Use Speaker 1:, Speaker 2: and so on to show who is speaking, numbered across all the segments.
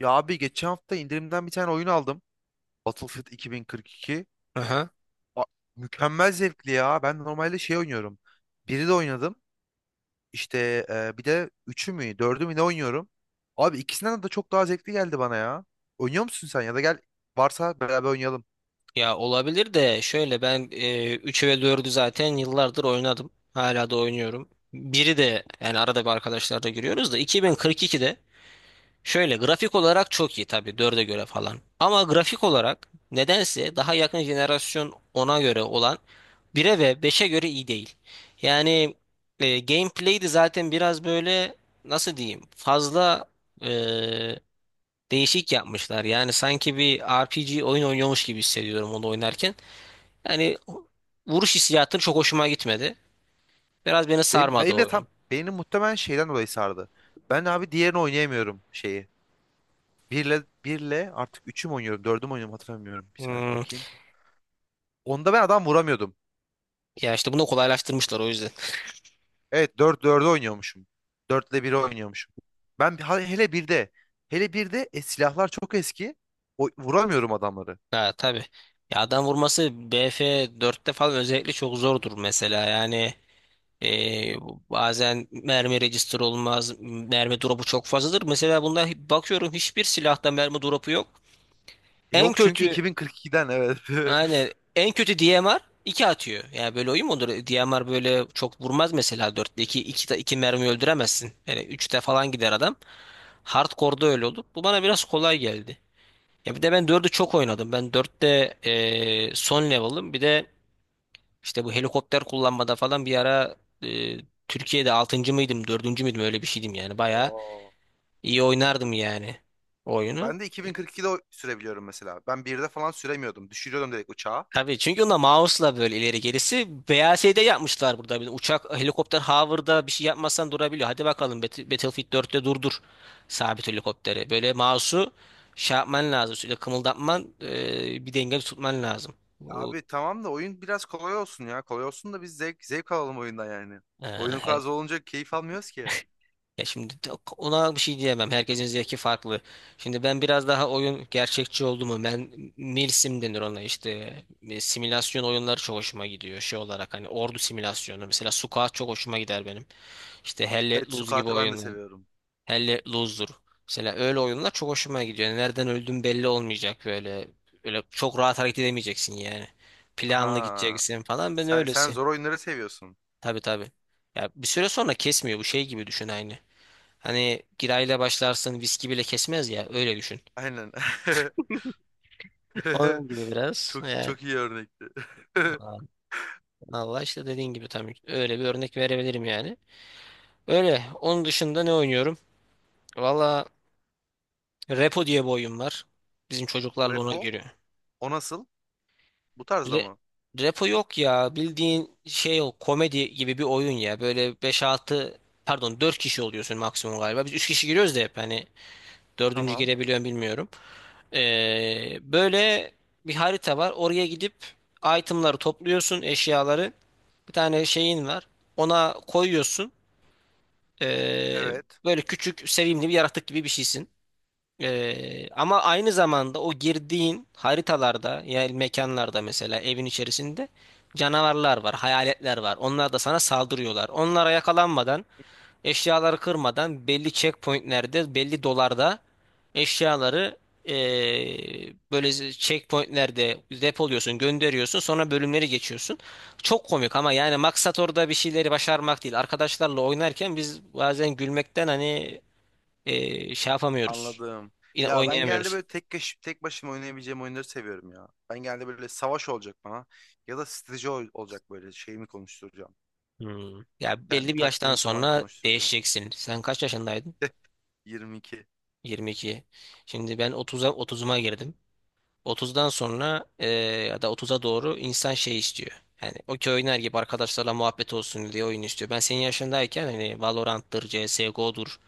Speaker 1: Ya abi geçen hafta indirimden bir tane oyun aldım. Battlefield 2042.
Speaker 2: Aha.
Speaker 1: A- Mükemmel zevkli ya. Ben normalde şey oynuyorum. Biri de oynadım. İşte bir de üçü mü, dördü mü ne oynuyorum. Abi ikisinden de çok daha zevkli geldi bana ya. Oynuyor musun sen ya da gel varsa beraber oynayalım.
Speaker 2: Ya olabilir de şöyle ben 3'ü ve dördü zaten yıllardır oynadım. Hala da oynuyorum. Biri de yani arada bir arkadaşlarla giriyoruz da 2042'de şöyle grafik olarak çok iyi tabii 4'e göre falan. Ama grafik olarak nedense daha yakın jenerasyon ona göre olan 1'e ve beşe göre iyi değil. Yani gameplay de zaten biraz böyle nasıl diyeyim fazla, e, değişik yapmışlar. Yani sanki bir RPG oyun oynuyormuş gibi hissediyorum onu oynarken. Yani vuruş hissiyatı çok hoşuma gitmedi. Biraz beni
Speaker 1: Benim,
Speaker 2: sarmadı
Speaker 1: benim
Speaker 2: o
Speaker 1: de tam
Speaker 2: oyun.
Speaker 1: benim muhtemelen şeyden dolayı sardı. Ben abi diğerini oynayamıyorum şeyi. Birle artık üçü mü oynuyorum, dördü mü oynuyorum hatırlamıyorum. Bir saniye
Speaker 2: Hmm.
Speaker 1: bakayım. Onda ben adam vuramıyordum.
Speaker 2: Ya işte bunu kolaylaştırmışlar o yüzden.
Speaker 1: Evet dört 4'e oynuyormuşum. 4 ile 1'e oynuyormuşum. Hele birde, hele birde silahlar çok eski. Vuramıyorum adamları.
Speaker 2: Ha, tabii. Ya adam vurması BF4'te falan özellikle çok zordur mesela. Yani e, bazen mermi register olmaz. Mermi drop'u çok fazladır. Mesela bunda bakıyorum hiçbir silahta mermi drop'u yok. En
Speaker 1: Yok çünkü
Speaker 2: kötü
Speaker 1: 2042'den, evet.
Speaker 2: Aynen. En kötü DMR 2 atıyor. Yani böyle oyun mu olur? DMR böyle çok vurmaz mesela 4'te 2 2 2 mermi öldüremezsin. Yani üçte falan gider adam. Hardcore'da öyle olur. Bu bana biraz kolay geldi. Ya bir de ben 4'ü çok oynadım. Ben dörtte, son level'ım. Bir de işte bu helikopter kullanmada falan bir ara eee, Türkiye'de altıncı mıydım, dördüncü müydüm öyle bir şeydim yani. Bayağı
Speaker 1: Oo.
Speaker 2: iyi oynardım yani o oyunu.
Speaker 1: Ben de 2042'de sürebiliyorum mesela. Ben birde falan süremiyordum. Düşürüyordum direkt uçağa.
Speaker 2: Tabii çünkü onda mouse'la böyle ileri gerisi BASD yapmışlar burada. Bir de uçak, helikopter hover'da bir şey yapmazsan durabiliyor. Hadi bakalım Battlefield 4'te durdur sabit helikopteri. Böyle mouse'u şey yapman lazım. Sürekli kımıldatman, bir denge tutman lazım. Bu
Speaker 1: Abi tamam da oyun biraz kolay olsun ya. Kolay olsun da biz zevk alalım oyundan yani.
Speaker 2: e,
Speaker 1: Oyunun kolay
Speaker 2: her-
Speaker 1: zor olunca keyif almıyoruz ki.
Speaker 2: Ya şimdi de- Ona bir şey diyemem. Herkesin zevki farklı. Şimdi ben biraz daha oyun gerçekçi oldu mu? Ben milsim denir ona işte. Simülasyon oyunları çok hoşuma gidiyor. Şey olarak hani ordu simülasyonu. Mesela Sukat çok hoşuma gider benim. İşte Hell Let
Speaker 1: Evet,
Speaker 2: Loose gibi
Speaker 1: sukatı ben de
Speaker 2: oyunlar.
Speaker 1: seviyorum.
Speaker 2: Hell Let Loose'dur. Mesela öyle oyunlar çok hoşuma gidiyor. Yani nereden öldüğün belli olmayacak böyle. Öyle çok rahat hareket edemeyeceksin yani. Planlı
Speaker 1: Aha.
Speaker 2: gideceksin falan. Ben
Speaker 1: Sen
Speaker 2: öylesin.
Speaker 1: zor oyunları seviyorsun.
Speaker 2: Tabii, tabii. Ya bir süre sonra kesmiyor. Bu şey gibi düşün aynı. Hani girayla başlarsın viski bile kesmez ya, öyle düşün.
Speaker 1: Aynen.
Speaker 2: Onun gibi biraz.
Speaker 1: Çok
Speaker 2: Yani
Speaker 1: çok iyi örnekti.
Speaker 2: Allah işte dediğin gibi tam öyle bir örnek verebilirim yani. Öyle. Onun dışında ne oynuyorum? Valla Repo diye bir oyun var. Bizim çocuklarla ona
Speaker 1: Repo,
Speaker 2: giriyor.
Speaker 1: o nasıl? Bu tarzda
Speaker 2: Re-
Speaker 1: mı?
Speaker 2: Repo yok ya. Bildiğin şey o komedi gibi bir oyun ya. Böyle beş altı, pardon, 4 kişi oluyorsun maksimum galiba. Biz 3 kişi giriyoruz da hep hani dördüncü
Speaker 1: Tamam.
Speaker 2: gelebiliyorum bilmiyorum. Böyle bir harita var. Oraya gidip itemları topluyorsun, eşyaları. Bir tane şeyin var. Ona koyuyorsun. Ee,
Speaker 1: Evet.
Speaker 2: Böyle küçük, sevimli bir yaratık gibi bir şeysin. Ama aynı zamanda o girdiğin haritalarda, yani mekanlarda, mesela evin içerisinde canavarlar var, hayaletler var. Onlar da sana saldırıyorlar. Onlara yakalanmadan, eşyaları kırmadan belli checkpointlerde, belli dolarda eşyaları, böyle checkpointlerde depoluyorsun, gönderiyorsun, sonra bölümleri geçiyorsun. Çok komik ama yani maksat orada bir şeyleri başarmak değil. Arkadaşlarla oynarken biz bazen gülmekten hani şey yapamıyoruz.
Speaker 1: Anladım.
Speaker 2: Yine
Speaker 1: Ya ben genelde
Speaker 2: oynayamıyoruz.
Speaker 1: böyle tek kişi, tek başıma oynayabileceğim oyunları seviyorum ya. Ben genelde böyle savaş olacak bana ya da strateji olacak, böyle şeyimi konuşturacağım.
Speaker 2: Hmm. Ya,
Speaker 1: Yani
Speaker 2: belli bir yaştan
Speaker 1: taktiğimi falan
Speaker 2: sonra
Speaker 1: konuşturacağım.
Speaker 2: değişeceksin. Sen kaç yaşındaydın?
Speaker 1: 22.
Speaker 2: 22. Şimdi ben 30'uma girdim. Otuzdan sonra, ya da otuza doğru insan şey istiyor. Yani okey oynar gibi arkadaşlarla muhabbet olsun diye oyun istiyor. Ben senin yaşındayken hani Valorant'tır, CSGO'dur.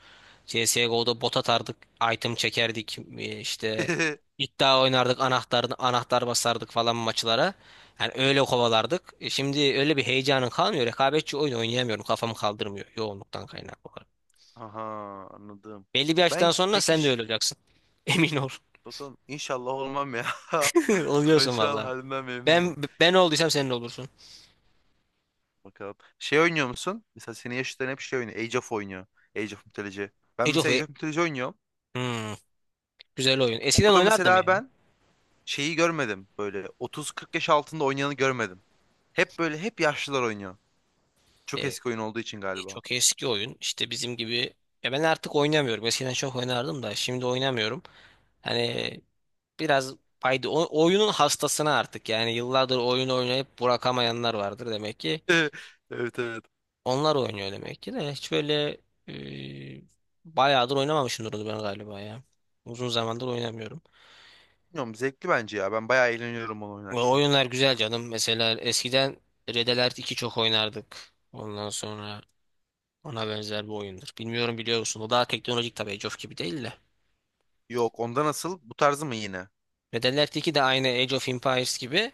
Speaker 2: CSGO'da bot atardık, item çekerdik, işte iddia oynardık, anahtar basardık falan maçlara. Yani öyle kovalardık. Şimdi öyle bir heyecanın kalmıyor. Rekabetçi oyun oynayamıyorum. Kafamı kaldırmıyor yoğunluktan kaynaklı olarak.
Speaker 1: Aha, anladım.
Speaker 2: Belli bir yaştan
Speaker 1: Ben
Speaker 2: sonra
Speaker 1: peki
Speaker 2: sen de
Speaker 1: ş-
Speaker 2: öyle olacaksın. Emin ol.
Speaker 1: Bakalım, inşallah olmam ya. Ben
Speaker 2: Oluyorsun
Speaker 1: şu an
Speaker 2: vallahi.
Speaker 1: halimden
Speaker 2: Ben
Speaker 1: memnunum.
Speaker 2: ben olduysam senin olursun.
Speaker 1: Bakalım. Şey oynuyor musun? Mesela senin yaşıtların hep şey oynuyor. Age of oynuyor. Age of Mythology. Ben
Speaker 2: Age of
Speaker 1: mesela
Speaker 2: E-
Speaker 1: Age of Mythology oynuyorum.
Speaker 2: Hmm, güzel oyun. Eskiden
Speaker 1: Orada
Speaker 2: oynardım
Speaker 1: mesela
Speaker 2: ya.
Speaker 1: ben şeyi görmedim. Böyle 30-40 yaş altında oynayanı görmedim. Hep böyle hep yaşlılar oynuyor.
Speaker 2: E,
Speaker 1: Çok eski oyun olduğu için galiba.
Speaker 2: Çok eski oyun. İşte bizim gibi. Ya, ben artık oynamıyorum. Eskiden çok oynardım da şimdi oynamıyorum. Hani biraz fayda. Oyunun hastasına artık. Yani yıllardır oyun oynayıp bırakamayanlar vardır demek ki.
Speaker 1: Evet, evet.
Speaker 2: Onlar oynuyor demek ki de. Hiç böyle, e, bayağıdır oynamamışımdır onu ben galiba ya. Uzun zamandır oynamıyorum.
Speaker 1: Bilmiyorum, zevkli bence ya. Ben bayağı eğleniyorum onu
Speaker 2: Ve
Speaker 1: oynarken.
Speaker 2: oyunlar güzel canım. Mesela eskiden Red Alert iki çok oynardık. Ondan sonra ona benzer bir oyundur. Bilmiyorum, biliyor musun? O daha teknolojik tabii, Age of gibi değil de.
Speaker 1: Yok, onda nasıl? Bu tarzı mı yine?
Speaker 2: Metal Gear 2 de aynı Age of Empires gibi.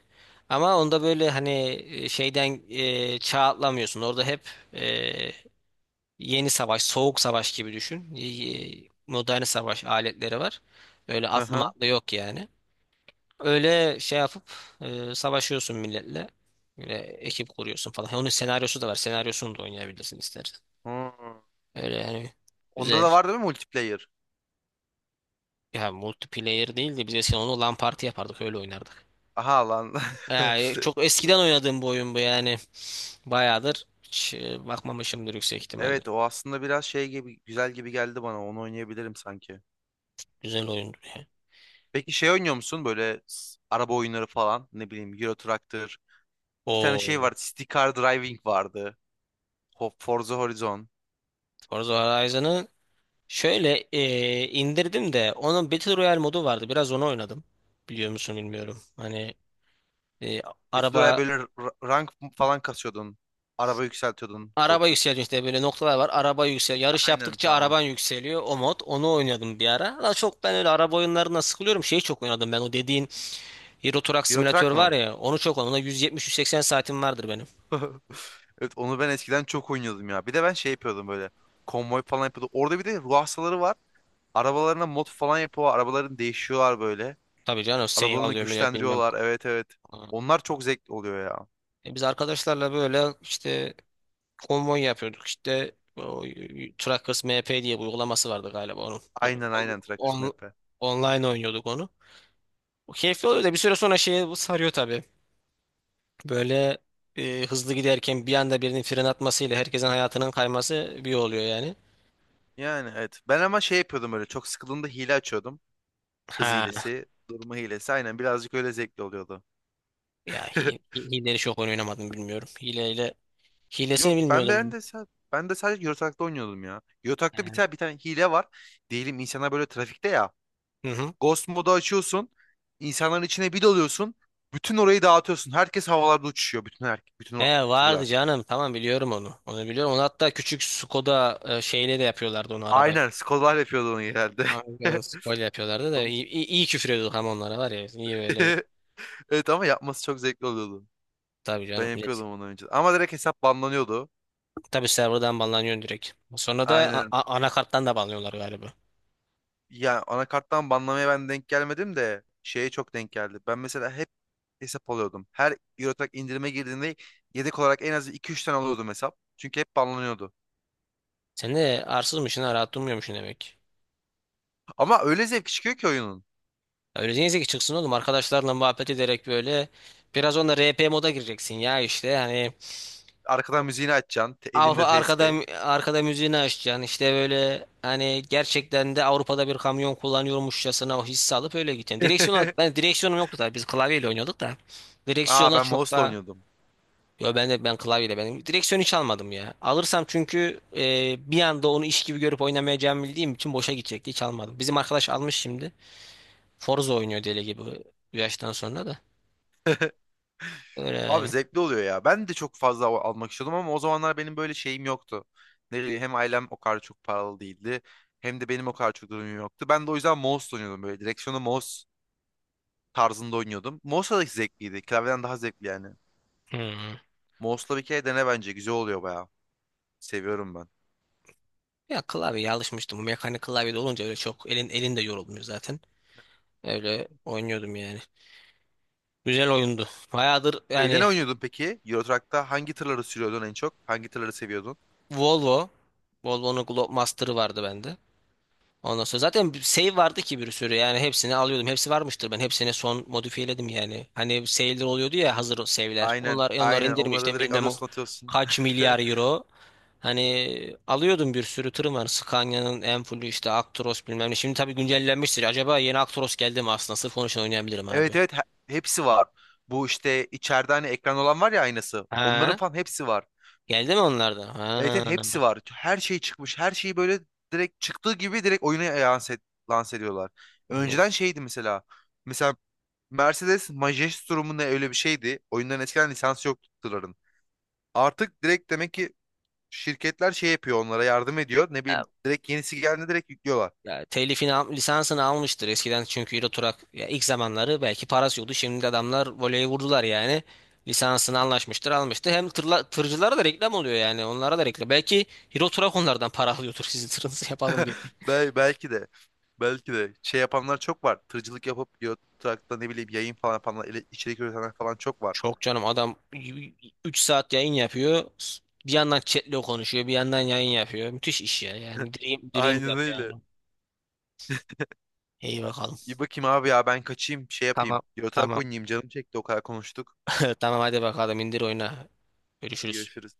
Speaker 2: Ama onda böyle hani, şeyden, çağ atlamıyorsun. Orada hep, e, yeni savaş, soğuk savaş gibi düşün. Modern savaş aletleri var. Öyle
Speaker 1: Hı
Speaker 2: atlı
Speaker 1: hı.
Speaker 2: matlı yok yani. Öyle şey yapıp, savaşıyorsun milletle. Böyle ekip kuruyorsun falan. Onun senaryosu da var. Senaryosunu da oynayabilirsin istersen.
Speaker 1: Hmm.
Speaker 2: Öyle yani,
Speaker 1: Onda
Speaker 2: güzel.
Speaker 1: da var değil mi multiplayer?
Speaker 2: Ya multiplayer değil de biz eskiden onu LAN party yapardık, öyle oynardık.
Speaker 1: Aha lan.
Speaker 2: Yani çok eskiden oynadığım bu oyun bu yani. Bayağıdır hiç, bakmamışımdır yüksek ihtimalle.
Speaker 1: Evet, o aslında biraz şey gibi, güzel gibi geldi bana. Onu oynayabilirim sanki.
Speaker 2: Güzel oyundu ya.
Speaker 1: Peki şey oynuyor musun böyle araba oyunları falan, ne bileyim, Euro Truck'tır. Bir tane şey
Speaker 2: O
Speaker 1: vardı, City Car Driving vardı. Forza Horizon.
Speaker 2: Forza Horizon'ı şöyle, indirdim de onun Battle Royale modu vardı. Biraz onu oynadım. Biliyor musun bilmiyorum. Hani, e,
Speaker 1: Eti oraya
Speaker 2: araba
Speaker 1: böyle rank falan kasıyordun. Araba yükseltiyordun gold
Speaker 2: araba
Speaker 1: kasıp.
Speaker 2: yükseliyor işte, böyle noktalar var. Araba yükseliyor. Yarış
Speaker 1: Aynen,
Speaker 2: yaptıkça
Speaker 1: tamam.
Speaker 2: araban yükseliyor. O mod. Onu oynadım bir ara. Ama çok ben öyle araba oyunlarına sıkılıyorum. Şeyi çok oynadım ben, o dediğin Euro Truck
Speaker 1: Euro
Speaker 2: Simülatör
Speaker 1: Truck
Speaker 2: var
Speaker 1: mı?
Speaker 2: ya, onu çok, ona 170-180 saatim vardır benim.
Speaker 1: Evet, onu ben eskiden çok oynuyordum ya. Bir de ben şey yapıyordum böyle. Konvoy falan yapıyordum. Orada bir de ruh hastaları var. Arabalarına mod falan yapıyorlar. Arabalarını değişiyorlar böyle.
Speaker 2: Tabii canım, seyir
Speaker 1: Arabalarını
Speaker 2: alıyor millet bilmem.
Speaker 1: güçlendiriyorlar. Evet, evet.
Speaker 2: Aa.
Speaker 1: Onlar çok zevkli oluyor ya.
Speaker 2: Biz arkadaşlarla böyle işte konvoy yapıyorduk, işte o Truckers MP diye bir uygulaması vardı galiba onun. Böyle
Speaker 1: Aynen, aynen, Truckers Map.
Speaker 2: online oynuyorduk onu. O keyifli oluyor da bir süre sonra şeye sarıyor tabii. Böyle, hızlı giderken bir anda birinin fren atmasıyla herkesin hayatının kayması bir oluyor yani.
Speaker 1: Yani, evet. Ben ama şey yapıyordum böyle. Çok sıkıldığımda hile açıyordum. Hız
Speaker 2: Ha
Speaker 1: hilesi, durma hilesi. Aynen, birazcık öyle zevkli oluyordu.
Speaker 2: ya, hileleri çok oyun oynamadım bilmiyorum. Hilesini
Speaker 1: Yok, ben ben
Speaker 2: bilmiyordum.
Speaker 1: de sa- ben de sadece Eurotrack'ta oynuyordum ya. Eurotrack'ta bir tane hile var. Diyelim insanlar böyle trafikte ya.
Speaker 2: Hı hı.
Speaker 1: Ghost modu açıyorsun. İnsanların içine bir dalıyorsun. Bütün orayı dağıtıyorsun. Herkes havalarda uçuşuyor. Bütün her bütün
Speaker 2: He,
Speaker 1: o
Speaker 2: vardı
Speaker 1: tırlar.
Speaker 2: canım. Tamam, biliyorum onu. Onu biliyorum. Onu hatta küçük Skoda, şeyle de yapıyorlardı onu arabayla.
Speaker 1: Aynen, Skolar yapıyordu onu genelde.
Speaker 2: Aynen Skoda yapıyorlardı da
Speaker 1: Onu-
Speaker 2: iyi, iyi, iyi küfür ediyorduk ama onlara var ya. İyi böyle.
Speaker 1: Evet, ama yapması çok zevkli oluyordu.
Speaker 2: Tabii
Speaker 1: Ben
Speaker 2: canım millet.
Speaker 1: yapıyordum onu önce. Ama direkt hesap banlanıyordu.
Speaker 2: Tabii serverdan banlanıyorsun direkt. Sonra da
Speaker 1: Aynen.
Speaker 2: anakarttan da banlıyorlar galiba.
Speaker 1: Ya, anakarttan banlamaya ben denk gelmedim de şeye çok denk geldi. Ben mesela hep hesap alıyordum. Her Eurotrack indirime girdiğinde yedek olarak en az iki üç tane alıyordum hesap. Çünkü hep banlanıyordu.
Speaker 2: Sen de arsızmışsın ha, rahat durmuyormuşsun demek.
Speaker 1: Ama öyle zevk çıkıyor ki oyunun.
Speaker 2: Ya, öyle neyse ki çıksın oğlum, arkadaşlarla muhabbet ederek böyle biraz onda RP moda gireceksin ya işte hani
Speaker 1: Arkadan müziğini açacaksın,
Speaker 2: Avru
Speaker 1: elinde
Speaker 2: arkada
Speaker 1: tespih.
Speaker 2: arkada müziğini açacaksın. İşte böyle hani gerçekten de Avrupa'da bir kamyon kullanıyormuşçasına o hissi alıp öyle gideceksin. Direksiyona ben direksiyonum yoktu da biz klavyeyle oynuyorduk da.
Speaker 1: Aa,
Speaker 2: Direksiyona
Speaker 1: ben
Speaker 2: çok
Speaker 1: mouse'la
Speaker 2: da
Speaker 1: oynuyordum.
Speaker 2: yo ben klavyeyle, ben direksiyon hiç almadım ya. Alırsam çünkü, bir anda onu iş gibi görüp oynamayacağımı bildiğim için boşa gidecekti. Hiç almadım. Bizim arkadaş almış şimdi. Forza oynuyor deli gibi bu yaştan sonra da. Öyle
Speaker 1: Abi
Speaker 2: yani.
Speaker 1: zevkli oluyor ya. Ben de çok fazla almak istiyordum ama o zamanlar benim böyle şeyim yoktu. Ne bileyim, hem ailem o kadar çok paralı değildi. Hem de benim o kadar çok durumum yoktu. Ben de o yüzden mouse oynuyordum böyle. Direksiyonu mouse tarzında oynuyordum. Mouse'la da zevkliydi. Klavyeden daha zevkli yani.
Speaker 2: Hmm.
Speaker 1: Mouse'la bir kere dene bence. Güzel oluyor bayağı. Seviyorum ben.
Speaker 2: Ya, klavyeye alışmıştım. Bu mekanik klavye de olunca öyle çok elin de yorulmuyor zaten. Öyle oynuyordum yani. Güzel oyundu. Bayağıdır
Speaker 1: Şeyde
Speaker 2: yani.
Speaker 1: ne oynuyordun peki? Euro Truck'ta hangi tırları sürüyordun en çok? Hangi tırları seviyordun?
Speaker 2: Volvo. Volvo'nun Globemaster'ı vardı bende. Ondan sonra zaten bir save vardı ki bir sürü yani hepsini alıyordum. Hepsi varmıştır, ben hepsini son modifiyeledim yani. Hani save'ler oluyordu ya, hazır save'ler.
Speaker 1: Aynen,
Speaker 2: Onlar onları
Speaker 1: aynen. Onları
Speaker 2: indirmiştim,
Speaker 1: direkt
Speaker 2: bilmem
Speaker 1: alıyorsun, atıyorsun.
Speaker 2: kaç milyar euro. Hani alıyordum bir sürü tırım var. Scania'nın Enfulu işte Actros bilmem ne. Şimdi tabii güncellenmiştir. Acaba yeni Actros geldi mi aslında? Sırf onun için oynayabilirim abi.
Speaker 1: Evet, evet, hepsi var. Bu işte içeride hani ekran olan var ya, aynası. Onların
Speaker 2: Ha?
Speaker 1: falan hepsi var.
Speaker 2: Geldi mi onlardan?
Speaker 1: Evet, evet,
Speaker 2: Ha.
Speaker 1: hepsi var. Her şey çıkmış. Her şeyi böyle direkt çıktığı gibi direkt oyuna lanse ediyorlar.
Speaker 2: Hani
Speaker 1: Önceden şeydi mesela. Mesela Mercedes Majestrum mu ne, öyle bir şeydi. Oyunların eskiden lisansı yoktu tırların. Artık direkt demek ki şirketler şey yapıyor, onlara yardım ediyor. Ne bileyim, direkt yenisi geldiğinde direkt yüklüyorlar.
Speaker 2: ya, telifini lisansını almıştır eskiden çünkü Euro Truck ya, ilk zamanları belki parası yoktu. Şimdi adamlar voleyi vurdular yani. Lisansını anlaşmıştır, almıştır. Hem tırcılara da reklam oluyor yani. Onlara da reklam. Belki Euro Truck onlardan para alıyordur sizin tırınızı yapalım diye.
Speaker 1: Belki de belki de şey yapanlar çok var. Tırcılık yapıp trakta, ne bileyim, yayın falan yapanlar, içerik üretenler falan çok var.
Speaker 2: Çok canım, adam 3 saat yayın yapıyor. Bir yandan chatle konuşuyor, bir yandan yayın yapıyor. Müthiş iş ya. Yani dream
Speaker 1: Aynen
Speaker 2: yap
Speaker 1: öyle.
Speaker 2: yani. İyi bakalım.
Speaker 1: İyi bakayım abi, ya ben kaçayım, şey yapayım.
Speaker 2: Tamam.
Speaker 1: Yotrak
Speaker 2: Tamam.
Speaker 1: oynayayım, canım çekti o kadar konuştuk.
Speaker 2: Tamam, hadi bakalım, indir, oyna.
Speaker 1: Hadi
Speaker 2: Görüşürüz.
Speaker 1: görüşürüz.